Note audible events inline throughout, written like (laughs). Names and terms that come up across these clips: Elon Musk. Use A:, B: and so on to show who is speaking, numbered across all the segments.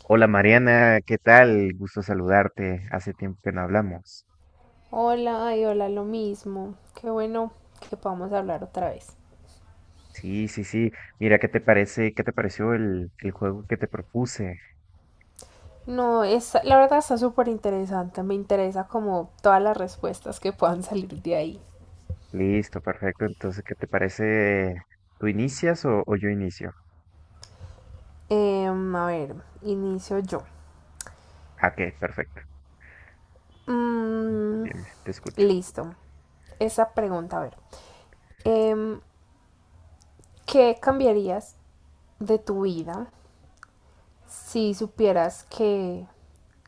A: Hola Mariana, ¿qué tal? Gusto saludarte. Hace tiempo que no hablamos.
B: Hola, ay, hola, lo mismo. Qué bueno que podamos hablar otra vez.
A: Sí, sí, sí. Mira, ¿qué te parece? ¿Qué te pareció el juego que te propuse?
B: No, es, la verdad está súper interesante. Me interesa como todas las respuestas que puedan salir de ahí.
A: Listo, perfecto. Entonces, ¿qué te parece? ¿Tú inicias o yo inicio?
B: A ver, inicio yo.
A: Ah, ok, perfecto.
B: Mm,
A: Bien, te escucho.
B: listo. Esa pregunta, a ver. Em, ¿Qué cambiarías de tu vida si supieras que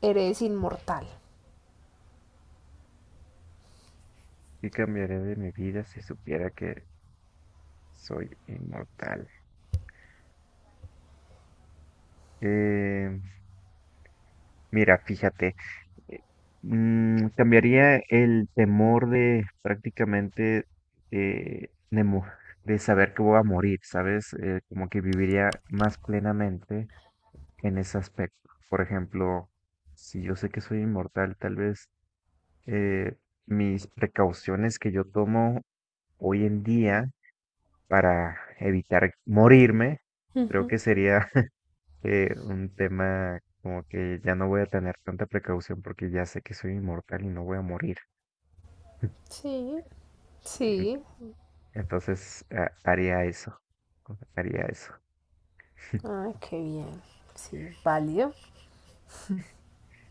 B: eres inmortal?
A: ¿Qué cambiaría de mi vida si supiera que soy inmortal? Eh, Mira, fíjate. eh, cambiaría el temor de prácticamente eh, de, mo- de saber que voy a morir, ¿sabes? Como que viviría más plenamente en ese aspecto. Por ejemplo, si yo sé que soy inmortal, tal vez eh, mis precauciones que yo tomo hoy en día para evitar morirme, creo
B: Ujú.
A: que sería (laughs) un tema como que ya no voy a tener tanta precaución porque ya sé que soy inmortal y no voy a morir.
B: Sí,
A: En-
B: sí.
A: Entonces, haría eso. Haría eso. (laughs)
B: Ay, qué bien. Sí, válido.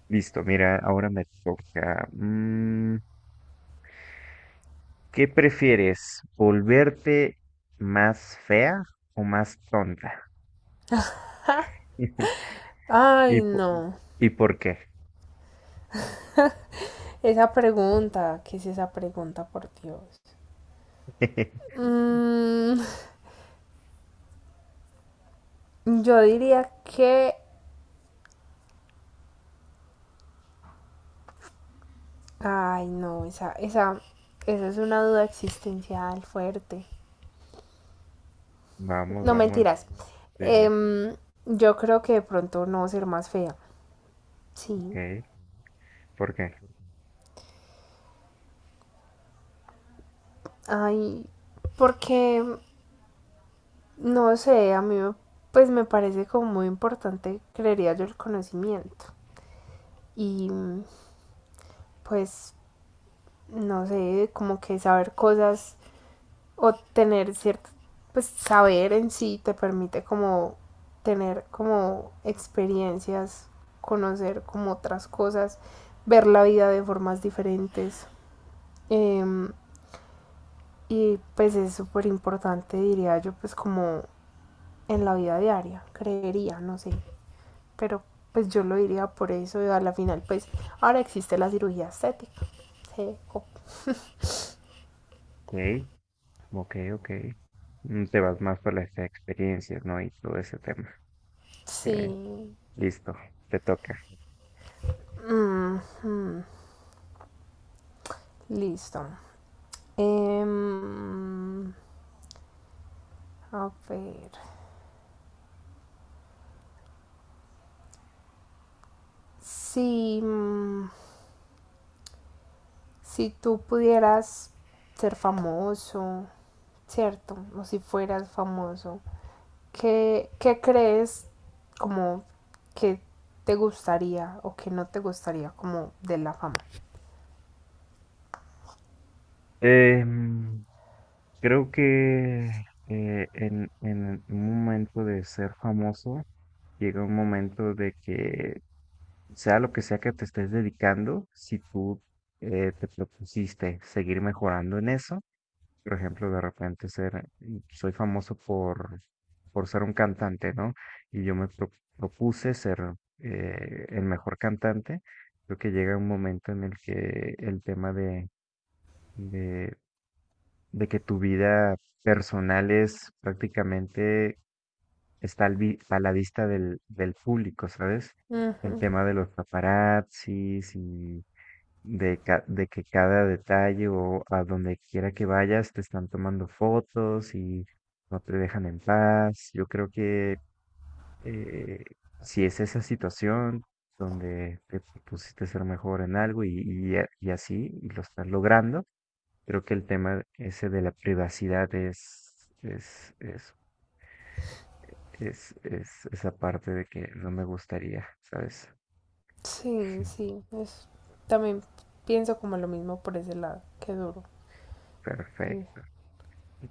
A: Listo, mira, ahora me toca. Mm, ¿qué prefieres? ¿Volverte más fea o más tonta? (laughs) ¿Y,
B: Ay,
A: po-
B: no.
A: ¿Y por qué?
B: Esa pregunta, ¿qué es esa pregunta, por Dios?
A: (laughs)
B: Mm, yo diría que... Ay, no, esa es una duda existencial fuerte.
A: Vamos,
B: No
A: vamos,
B: mentiras.
A: dime.
B: Em, yo creo que de pronto no ser más fea. Sí.
A: Ok, ¿por qué?
B: Ay, porque, no sé, pues me parece como muy importante, creería yo, el conocimiento. Y pues no sé, como que saber cosas o tener cierto, pues saber en sí te permite como tener como experiencias, conocer como otras cosas, ver la vida de formas diferentes. Eh, y pues es súper importante, diría yo, pues como en la vida diaria, creería, no sé, pero pues yo lo diría por eso y a la final pues ahora existe la cirugía estética. Sí. Oh,
A: Ok, ok, ok. Mm, te vas más por las experiencias, ¿no? Y todo ese tema. Ok,
B: sí.
A: listo, te toca.
B: Mm, mm. Listo. Em, a ver. Si, mm, si tú pudieras ser famoso, ¿cierto? O si fueras famoso, ¿qué crees como que te gustaría o que no te gustaría como de la fama?
A: Em, creo que en un momento de ser famoso, llega un momento de que, sea lo que sea que te estés dedicando, si tú te propusiste seguir mejorando en eso, por ejemplo, de repente ser, soy famoso por ser un cantante, ¿no? Y yo me propuse ser el mejor cantante. Creo que llega un momento en el que el tema de que tu vida personal es prácticamente está al a la vista del público, ¿sabes? El
B: Ujú.
A: tema de los paparazzis y de, de que cada detalle o a donde quiera que vayas te están tomando fotos y no te dejan en paz. Yo creo que eh, si es esa situación donde te pusiste a ser mejor en algo y, y así y lo estás logrando, creo que el tema ese de la privacidad es esa parte de que no me gustaría, ¿sabes?
B: Sí, sí.
A: (laughs)
B: También pienso como lo mismo por ese lado. Qué duro. Sí,
A: Perfecto.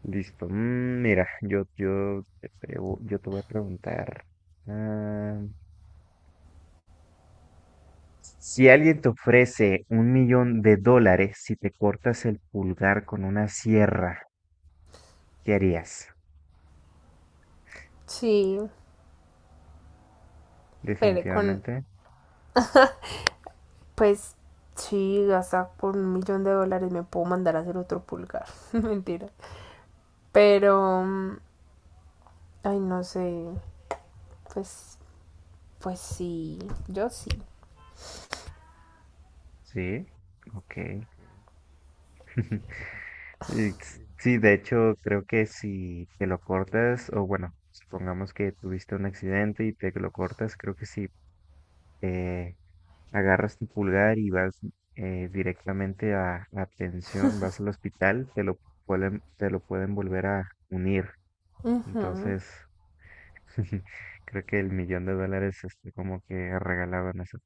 A: Listo. Mm, mira, te yo te voy a preguntar. ah, si alguien te ofrece $1 millón si te cortas el pulgar con una sierra, ¿qué harías?
B: sí, pero con
A: Definitivamente,
B: pues sí, hasta por $1 millón me puedo mandar a hacer otro pulgar. (laughs) Mentira. Pero, mm, ay, no sé. Pues, pues sí, yo sí.
A: sí. Ok. (laughs) Y sí, de hecho, creo que si te lo cortas, o bueno, supongamos que tuviste un accidente y te lo cortas, creo que si eh, agarras tu pulgar y vas directamente a la atención, vas al hospital, te lo pueden volver a unir.
B: Ujú.
A: Entonces, (laughs) creo que el millón de dólares este, como que regalaban eso.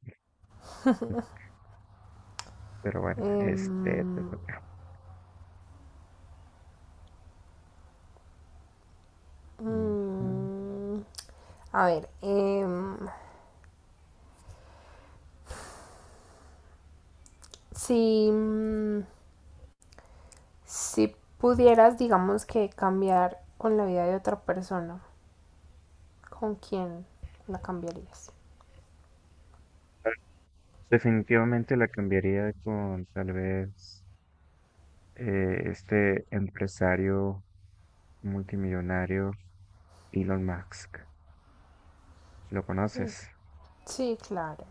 A: Pero bueno, este te
B: Em,
A: toca. Ujú.
B: mm, a ver, si, mm, si pudieras, digamos que cambiar con la vida de otra persona, ¿con quién la cambiarías?
A: Definitivamente la cambiaría con tal vez. Este empresario multimillonario Elon Musk. ¿Lo conoces?
B: Sí, claro.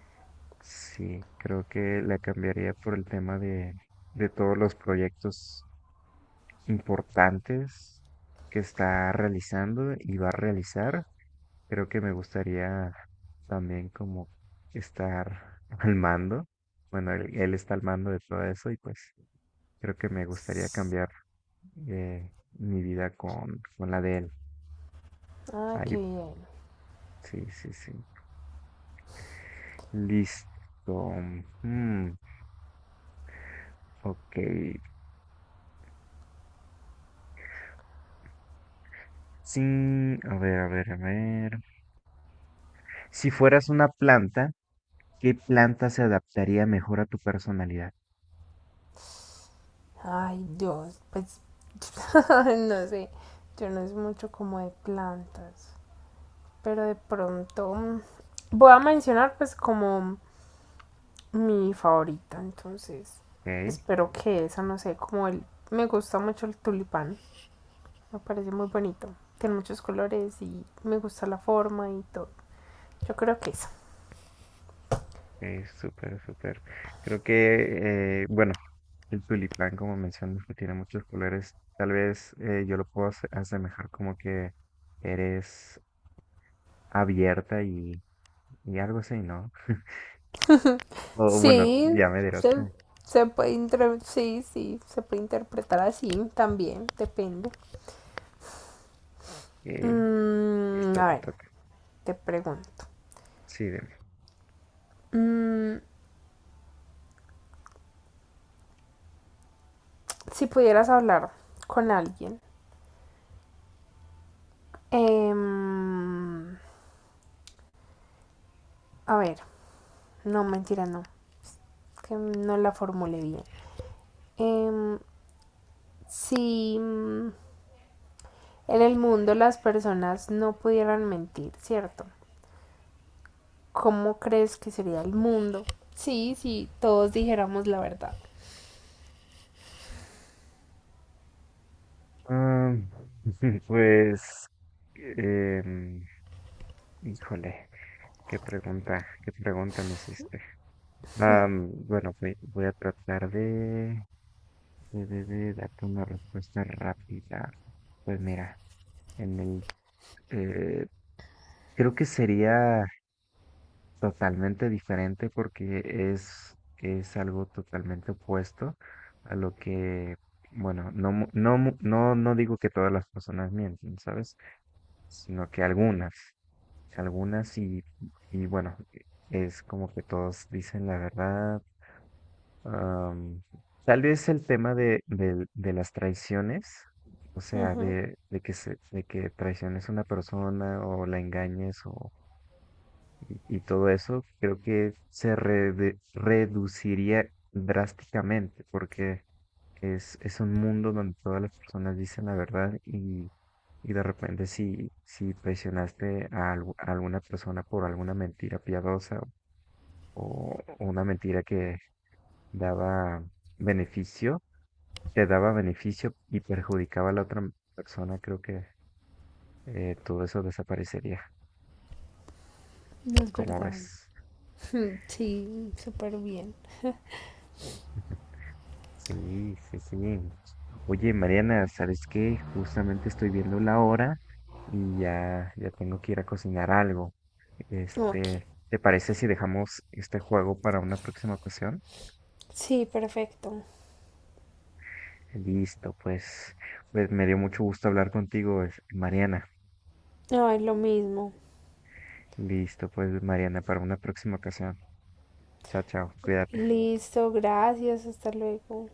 A: Sí, creo que la cambiaría por el tema de todos los proyectos importantes que está realizando y va a realizar. Creo que me gustaría también como estar (laughs) al mando. Bueno, él está al mando de todo eso y pues creo que me gustaría cambiar mi vida con la de él.
B: Ah,
A: Ahí
B: qué bien.
A: sí, sí, sí. Listo. Hmm, ok. Sí, a ver, a ver, a ver. Si fueras una planta, ¿qué planta se adaptaría mejor a tu personalidad?
B: Ay, Dios, pues (laughs) no sé, yo no es mucho como de plantas, pero de pronto mm, voy a mencionar pues como mi favorita, entonces
A: Ok,
B: espero que esa, no sé, como el, me gusta mucho el tulipán, me parece muy bonito, tiene muchos colores y me gusta la forma y todo, yo creo que esa.
A: es súper, súper. Creo que, bueno, el tulipán, como mencionas, que tiene muchos colores, tal vez yo lo puedo asemejar como que eres abierta y algo así, ¿no? O bueno,
B: Sí,
A: ya me dirás
B: se,
A: tú.
B: se puede sí, sí, se puede interpretar así también, depende.
A: Ok,
B: Mm,
A: listo,
B: a
A: te
B: ver,
A: toca.
B: te pregunto,
A: Sí, dime.
B: mm, si pudieras hablar con alguien, em, a ver, no, mentira, no, que no la formule bien. Em, si mm, en el mundo las personas no pudieran mentir, ¿cierto? ¿Cómo crees que sería el mundo? Sí, sí, todos dijéramos la verdad.
A: Ah, (laughs) pues, em, híjole, qué pregunta me hiciste. Ah, bueno, voy, voy a tratar de, de darte una respuesta rápida. Pues mira, en el, eh, creo que sería totalmente diferente porque es algo totalmente opuesto a lo que, bueno, no, no, no, no digo que todas las personas mienten, ¿sabes? Sino que algunas, algunas y bueno, es como que todos dicen la verdad. am, Tal vez el tema de, de las traiciones, o sea, de que se, de que traiciones a una persona o la engañes o y todo eso, creo que se reduciría drásticamente porque es un mundo donde todas las personas dicen la verdad y de repente si, si presionaste a, a alguna persona por alguna mentira piadosa o una mentira que daba beneficio, te daba beneficio y perjudicaba a la otra persona, creo que todo eso desaparecería,
B: No es
A: como
B: verdad.
A: ves.
B: (laughs) Sí, súper bien.
A: (laughs) Sí, sí, sí. Oye, Mariana, ¿sabes qué? Justamente estoy viendo la hora y ya, ya tengo que ir a cocinar algo.
B: Ok.
A: Este, ¿te parece si dejamos este juego para una próxima ocasión?
B: Sí, perfecto.
A: Listo, pues, pues me dio mucho gusto hablar contigo, Mariana.
B: Ay, lo mismo.
A: Listo, pues, Mariana, para una próxima ocasión. Chao, chao, cuídate.
B: Listo, gracias, hasta luego.